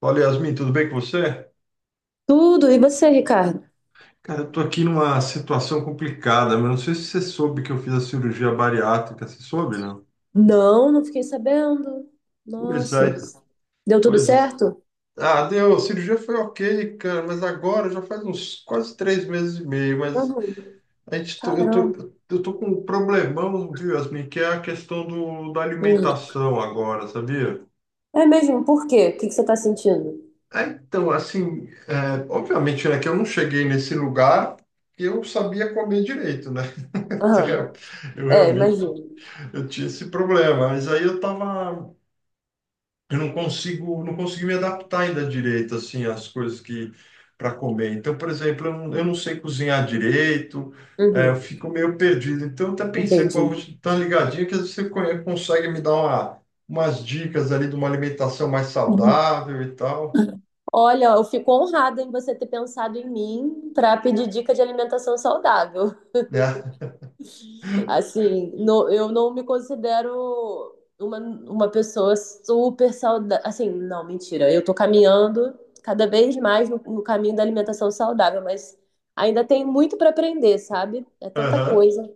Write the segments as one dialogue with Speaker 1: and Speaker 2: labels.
Speaker 1: Fala, Yasmin, tudo bem com você?
Speaker 2: Tudo. E você, Ricardo?
Speaker 1: Cara, eu tô aqui numa situação complicada, mas não sei se você soube que eu fiz a cirurgia bariátrica, você soube, não?
Speaker 2: Não, não fiquei sabendo.
Speaker 1: Pois
Speaker 2: Nossa.
Speaker 1: é,
Speaker 2: Deu tudo
Speaker 1: pois é.
Speaker 2: certo?
Speaker 1: Ah, deu, a cirurgia foi ok, cara, mas agora já faz uns quase 3 meses e meio, mas
Speaker 2: Uhum.
Speaker 1: a gente tô, eu
Speaker 2: Caramba.
Speaker 1: tô, eu tô com um problemão, viu, Yasmin, que é a questão da
Speaker 2: Uhum.
Speaker 1: alimentação agora, sabia?
Speaker 2: É mesmo? Por quê? O que você tá sentindo?
Speaker 1: Ah, então, assim, obviamente, né, que eu não cheguei nesse lugar que eu sabia comer direito, né?
Speaker 2: Aham.
Speaker 1: Eu
Speaker 2: É, imagino.
Speaker 1: Eu tinha esse problema, mas eu não consigo, não consegui me adaptar ainda direito assim às coisas que para comer. Então, por exemplo, eu não sei cozinhar direito, eu
Speaker 2: Uhum.
Speaker 1: fico meio perdido. Então, eu até pensei, pô, eu vou
Speaker 2: Entendi.
Speaker 1: te dar uma ligadinha que às vezes você consegue me dar umas dicas ali de uma alimentação mais
Speaker 2: Uhum.
Speaker 1: saudável e tal,
Speaker 2: Olha, eu fico honrada em você ter pensado em mim para pedir dica de alimentação saudável.
Speaker 1: né?
Speaker 2: Assim, eu não me considero uma pessoa super saudável. Assim, não, mentira. Eu tô caminhando cada vez mais no caminho da alimentação saudável, mas ainda tem muito para aprender, sabe? É tanta
Speaker 1: Aham,
Speaker 2: coisa.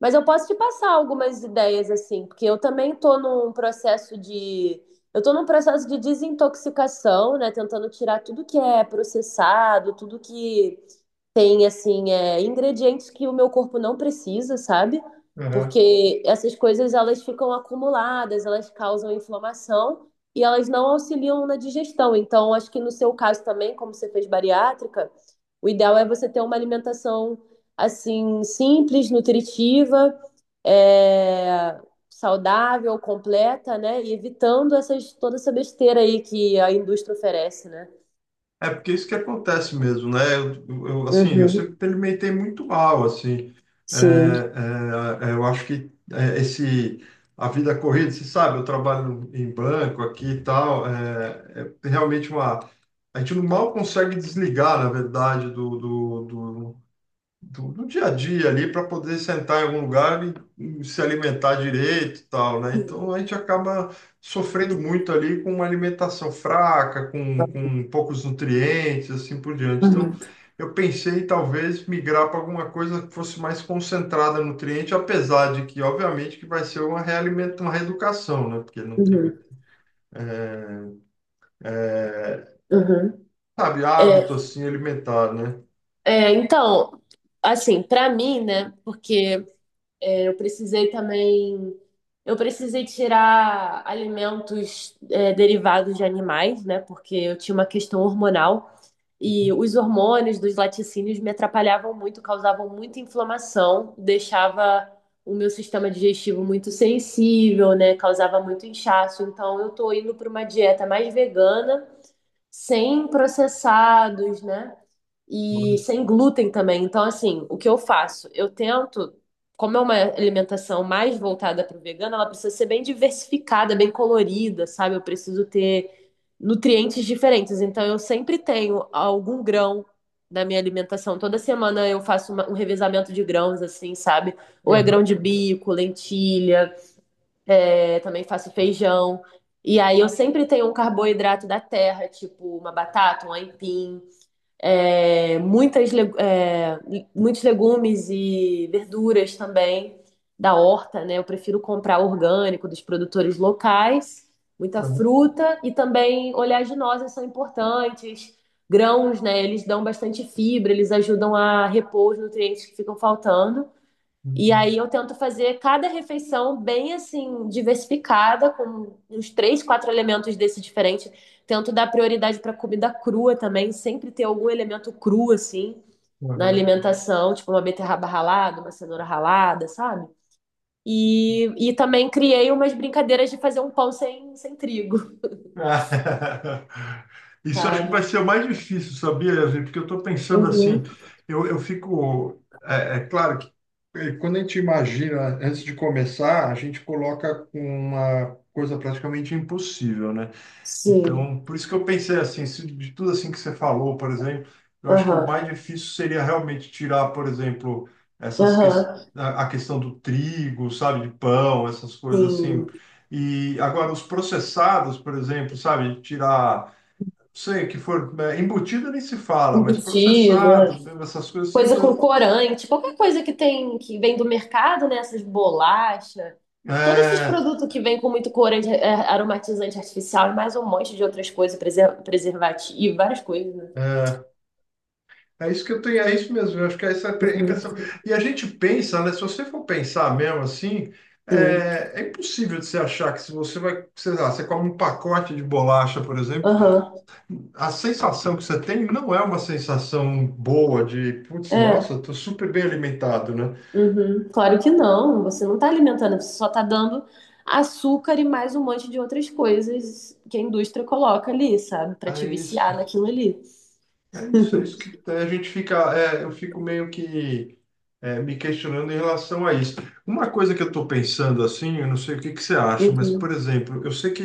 Speaker 2: Mas eu posso te passar algumas ideias, assim, porque eu também tô num processo de. Eu tô num processo de desintoxicação, né? Tentando tirar tudo que é processado, tudo que tem assim ingredientes que o meu corpo não precisa, sabe?
Speaker 1: aham.
Speaker 2: Porque essas coisas elas ficam acumuladas, elas causam inflamação e elas não auxiliam na digestão. Então, acho que no seu caso também, como você fez bariátrica, o ideal é você ter uma alimentação assim simples, nutritiva, é, saudável, completa, né? E evitando essas toda essa besteira aí que a indústria oferece, né?
Speaker 1: É porque é isso que acontece mesmo, né? Assim, eu
Speaker 2: Uhum,
Speaker 1: sempre alimentei muito mal, assim.
Speaker 2: sim.
Speaker 1: É, eu acho que esse a vida corrida, você sabe, eu trabalho em banco aqui e tal, é realmente uma a gente não mal consegue desligar, na verdade, do dia a dia ali para poder sentar em algum lugar e se alimentar direito e tal, né? Então a gente acaba sofrendo muito ali com uma alimentação fraca, com poucos nutrientes, assim por diante. Então
Speaker 2: Uhum,
Speaker 1: eu pensei talvez migrar para alguma coisa que fosse mais concentrada em nutriente, apesar de que, obviamente, que vai ser uma uma reeducação, né? Porque não tem,
Speaker 2: uhum.
Speaker 1: é, é,
Speaker 2: Uhum.
Speaker 1: sabe,
Speaker 2: É,
Speaker 1: hábito assim alimentar, né?
Speaker 2: então, assim, pra mim, né? Porque eu precisei também, eu precisei tirar alimentos derivados de animais, né? Porque eu tinha uma questão hormonal e os hormônios dos laticínios me atrapalhavam muito, causavam muita inflamação, deixava o meu sistema digestivo muito sensível, né? Causava muito inchaço. Então, eu tô indo pra uma dieta mais vegana, sem processados, né? E
Speaker 1: Olha.
Speaker 2: sem glúten também. Então, assim, o que eu faço? Eu tento, como é uma alimentação mais voltada para o vegano, ela precisa ser bem diversificada, bem colorida, sabe? Eu preciso ter nutrientes diferentes. Então, eu sempre tenho algum grão na minha alimentação. Toda semana eu faço um revezamento de grãos, assim, sabe? Ou é
Speaker 1: Aham,
Speaker 2: grão de bico, lentilha, também faço feijão. E aí eu sempre tenho um carboidrato da terra, tipo uma batata, um aipim, muitas, muitos legumes e verduras também da horta, né? Eu prefiro comprar orgânico dos produtores locais, muita
Speaker 1: aham,
Speaker 2: fruta e também oleaginosas são importantes. Grãos, né? Eles dão bastante fibra, eles ajudam a repor os nutrientes que ficam faltando. E
Speaker 1: uhum,
Speaker 2: aí eu tento fazer cada refeição bem assim, diversificada, com uns três, quatro elementos desse diferente. Tento dar prioridade para comida crua também, sempre ter algum elemento cru assim na
Speaker 1: aham.
Speaker 2: alimentação, tipo uma beterraba ralada, uma cenoura ralada, sabe? E também criei umas brincadeiras de fazer um pão sem trigo,
Speaker 1: Ah, isso acho que vai
Speaker 2: sabe?
Speaker 1: ser o mais difícil, sabia, Yasmin? Porque eu estou pensando assim,
Speaker 2: Uhum.
Speaker 1: eu fico. É, é claro que quando a gente imagina, antes de começar, a gente coloca com uma coisa praticamente impossível, né?
Speaker 2: Sim.
Speaker 1: Então, por isso que eu pensei assim, se de tudo assim que você falou, por exemplo, eu acho que o
Speaker 2: Aham.
Speaker 1: mais difícil seria realmente tirar, por exemplo, essas que...
Speaker 2: Aham.
Speaker 1: a questão do trigo, sabe, de pão, essas coisas assim.
Speaker 2: Sim.
Speaker 1: E agora os processados, por exemplo, sabe, tirar, não sei, que for embutido nem se fala, mas
Speaker 2: Embutido, é.
Speaker 1: processado, essas coisas assim,
Speaker 2: Coisa com corante, qualquer coisa que tem que vem do mercado, né? Essas bolachas, todos esses
Speaker 1: é,
Speaker 2: produtos que vêm com muito corante, aromatizante artificial e mais um monte de outras coisas, preservativo, várias coisas, né?
Speaker 1: é, é isso que eu tenho, é isso mesmo. Eu acho que essa é a
Speaker 2: Uhum,
Speaker 1: impressão. E a gente pensa, né? Se você for pensar mesmo assim,
Speaker 2: sim.
Speaker 1: é impossível de você achar que se você vai, sei lá, você come um pacote de bolacha, por exemplo,
Speaker 2: Aham.
Speaker 1: a sensação que você tem não é uma sensação boa de, putz, nossa,
Speaker 2: É.
Speaker 1: eu tô super bem alimentado, né?
Speaker 2: Uhum. Claro que não. Você não está alimentando, você só está dando açúcar e mais um monte de outras coisas que a indústria coloca ali, sabe? Para
Speaker 1: É
Speaker 2: te
Speaker 1: isso,
Speaker 2: viciar naquilo ali.
Speaker 1: é isso que a gente fica, eu fico meio que me questionando em relação a isso. Uma coisa que eu estou pensando assim, eu não sei o que que você acha, mas,
Speaker 2: Uhum.
Speaker 1: por exemplo, eu sei que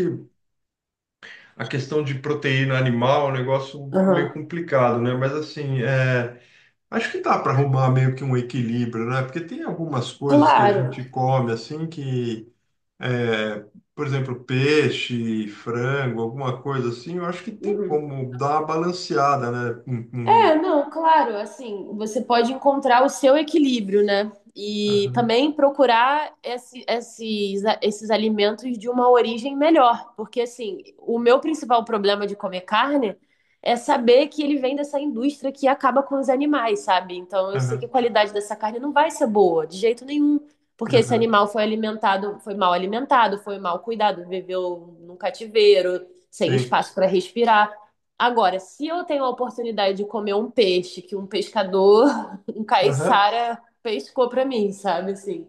Speaker 1: a questão de proteína animal é um negócio meio
Speaker 2: Aham.
Speaker 1: complicado, né? Mas assim, acho que dá para arrumar meio que um equilíbrio, né? Porque tem algumas coisas que a
Speaker 2: Claro.
Speaker 1: gente come assim que, é, por exemplo, peixe, frango, alguma coisa assim, eu acho que tem
Speaker 2: Uhum.
Speaker 1: como dar uma balanceada, né?
Speaker 2: É,
Speaker 1: Hum.
Speaker 2: não, claro, assim, você pode encontrar o seu equilíbrio, né? E
Speaker 1: Aham,
Speaker 2: também procurar esses, esses alimentos de uma origem melhor. Porque, assim, o meu principal problema de comer carne é saber que ele vem dessa indústria que acaba com os animais, sabe? Então, eu sei que a
Speaker 1: aham,
Speaker 2: qualidade dessa carne não vai ser boa, de jeito nenhum. Porque esse
Speaker 1: aham.
Speaker 2: animal foi alimentado, foi mal cuidado, viveu num cativeiro, sem
Speaker 1: Sim.
Speaker 2: espaço para respirar. Agora, se eu tenho a oportunidade de comer um peixe que um pescador, um
Speaker 1: Aham.
Speaker 2: caiçara pescou pra mim, sabe assim?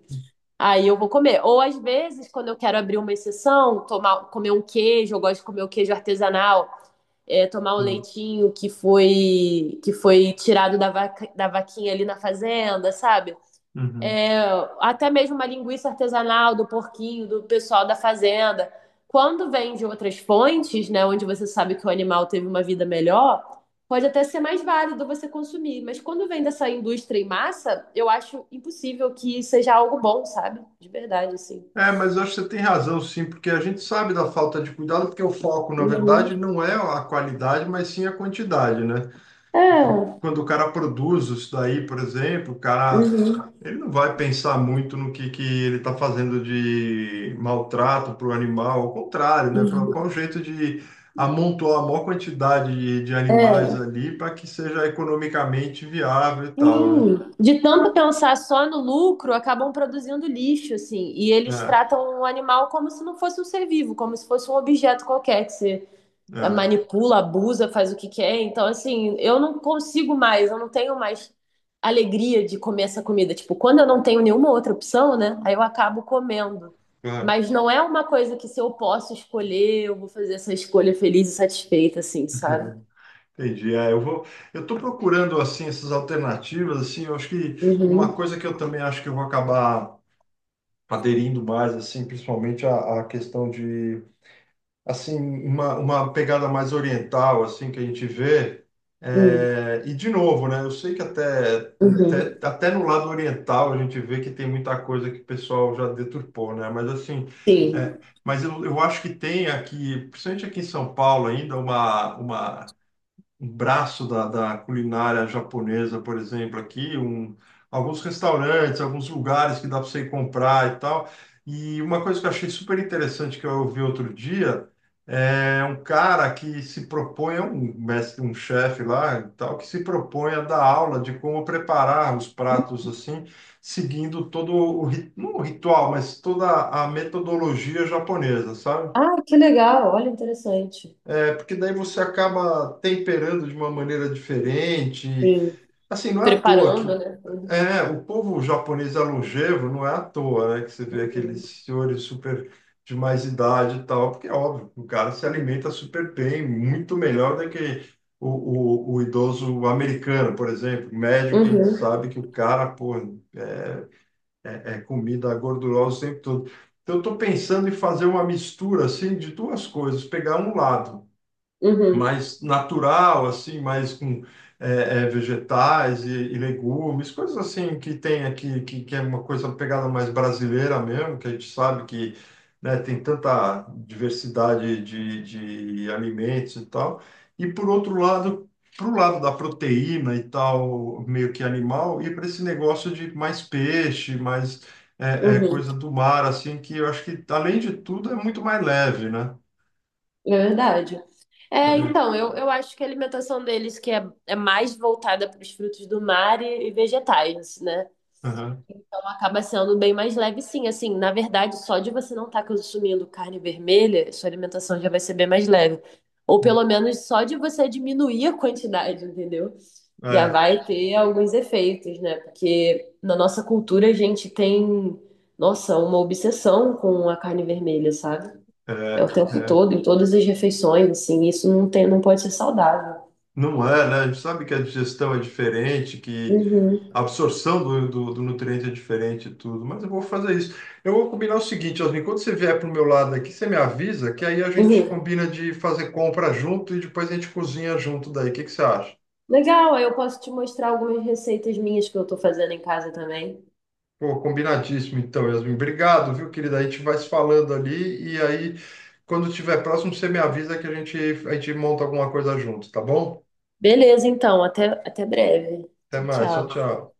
Speaker 2: Aí eu vou comer. Ou às vezes, quando eu quero abrir uma exceção, comer um queijo, eu gosto de comer o queijo artesanal, tomar o
Speaker 1: Sim.
Speaker 2: leitinho que foi tirado da vaca, da vaquinha ali na fazenda, sabe?
Speaker 1: Uhum.
Speaker 2: Até mesmo uma linguiça artesanal do porquinho, do pessoal da fazenda. Quando vem de outras fontes, né, onde você sabe que o animal teve uma vida melhor, pode até ser mais válido você consumir. Mas quando vem dessa indústria em massa, eu acho impossível que seja algo bom, sabe? De verdade, assim.
Speaker 1: É, mas eu acho que você tem razão, sim, porque a gente sabe da falta de cuidado, porque o foco, na
Speaker 2: Uhum.
Speaker 1: verdade, não é a qualidade, mas sim a quantidade, né? Então,
Speaker 2: É.
Speaker 1: quando o cara produz isso daí, por exemplo,
Speaker 2: Uhum.
Speaker 1: ele não vai pensar muito no que ele está fazendo de maltrato para o animal, ao contrário, né? Fala,
Speaker 2: Uhum.
Speaker 1: qual o jeito de amontoar a maior quantidade de animais
Speaker 2: É.
Speaker 1: ali para que seja economicamente viável e tal, né?
Speaker 2: Sim, de tanto pensar só no lucro, acabam produzindo lixo, assim, e eles
Speaker 1: É,
Speaker 2: tratam o animal como se não fosse um ser vivo, como se fosse um objeto qualquer que você
Speaker 1: é,
Speaker 2: manipula, abusa, faz o que quer. Então, assim, eu não consigo mais, eu não tenho mais alegria de comer essa comida. Tipo, quando eu não tenho nenhuma outra opção, né, aí eu acabo comendo.
Speaker 1: claro.
Speaker 2: Mas não é uma coisa que se eu posso escolher, eu vou fazer essa escolha feliz e satisfeita, assim, sabe?
Speaker 1: Entendi. Eu estou procurando assim essas alternativas assim, eu acho que uma
Speaker 2: Uhum,
Speaker 1: coisa que eu também acho que eu vou acabar aderindo mais assim, principalmente a questão de assim uma pegada mais oriental assim que a gente vê
Speaker 2: uhum,
Speaker 1: e de novo, né? Eu sei que
Speaker 2: uhum.
Speaker 1: até no lado oriental a gente vê que tem muita coisa que o pessoal já deturpou, né? Mas assim é,
Speaker 2: Sim.
Speaker 1: mas eu acho que tem aqui, principalmente aqui em São Paulo ainda, uma um braço da culinária japonesa, por exemplo, aqui, um, alguns restaurantes, alguns lugares que dá para você ir comprar e tal. E uma coisa que eu achei super interessante que eu ouvi outro dia é um cara que se propõe, é um mestre, um chefe lá, e tal, que se propõe a dar aula de como preparar os pratos assim, seguindo todo o, não o ritual, mas toda a metodologia japonesa, sabe?
Speaker 2: Ah, que legal, olha, interessante.
Speaker 1: É, porque daí você acaba temperando de uma maneira diferente.
Speaker 2: Sim,
Speaker 1: Assim, não é à toa que
Speaker 2: preparando, né? Tudo.
Speaker 1: o povo japonês é longevo, não é à toa, né, que você vê aqueles senhores super de mais idade e tal, porque é óbvio, o cara se alimenta super bem, muito melhor do que o idoso americano, por exemplo, médio, que a gente
Speaker 2: Uhum,
Speaker 1: sabe que o cara, pô, é, é comida gordurosa o tempo todo. Então, eu estou pensando em fazer uma mistura assim de duas coisas, pegar um lado
Speaker 2: uhum,
Speaker 1: mais natural, assim, mais com vegetais e legumes, coisas assim que tem aqui, que é uma coisa pegada mais brasileira mesmo, que a gente sabe que, né, tem tanta diversidade de alimentos e tal. E por outro lado, para o lado da proteína e tal, meio que animal, e para esse negócio de mais peixe, mais
Speaker 2: uhum.
Speaker 1: coisa do mar, assim, que eu acho que, além de tudo, é muito mais leve, né?
Speaker 2: É verdade. É,
Speaker 1: É,
Speaker 2: então, eu acho que a alimentação deles é mais voltada para os frutos do mar e vegetais, né?
Speaker 1: aham.
Speaker 2: Então acaba sendo bem mais leve, sim. Assim, na verdade, só de você não estar consumindo carne vermelha, sua alimentação já vai ser bem mais leve. Ou pelo menos só de você diminuir a quantidade, entendeu? Já
Speaker 1: É.
Speaker 2: vai ter alguns efeitos, né? Porque na nossa cultura a gente tem, nossa, uma obsessão com a carne vermelha, sabe? É
Speaker 1: É,
Speaker 2: o tempo
Speaker 1: é.
Speaker 2: todo, em todas as refeições, assim, isso não tem, não pode ser saudável.
Speaker 1: Não é, né? A gente sabe que a digestão é diferente, que
Speaker 2: Uhum,
Speaker 1: a absorção do nutriente é diferente e tudo, mas eu vou fazer isso. Eu vou combinar o seguinte, Osmin, quando você vier para o meu lado aqui, você me avisa que aí a gente
Speaker 2: uhum.
Speaker 1: combina de fazer compra junto e depois a gente cozinha junto daí. O que que você acha?
Speaker 2: Legal, aí eu posso te mostrar algumas receitas minhas que eu tô fazendo em casa também.
Speaker 1: Pô, combinadíssimo então, Yasmin. Obrigado, viu, querida? A gente vai se falando ali e aí, quando tiver próximo, você me avisa que a gente monta alguma coisa junto, tá bom?
Speaker 2: Beleza, então, até, até breve.
Speaker 1: Até
Speaker 2: Tchau,
Speaker 1: mais, tchau,
Speaker 2: tchau.
Speaker 1: tchau.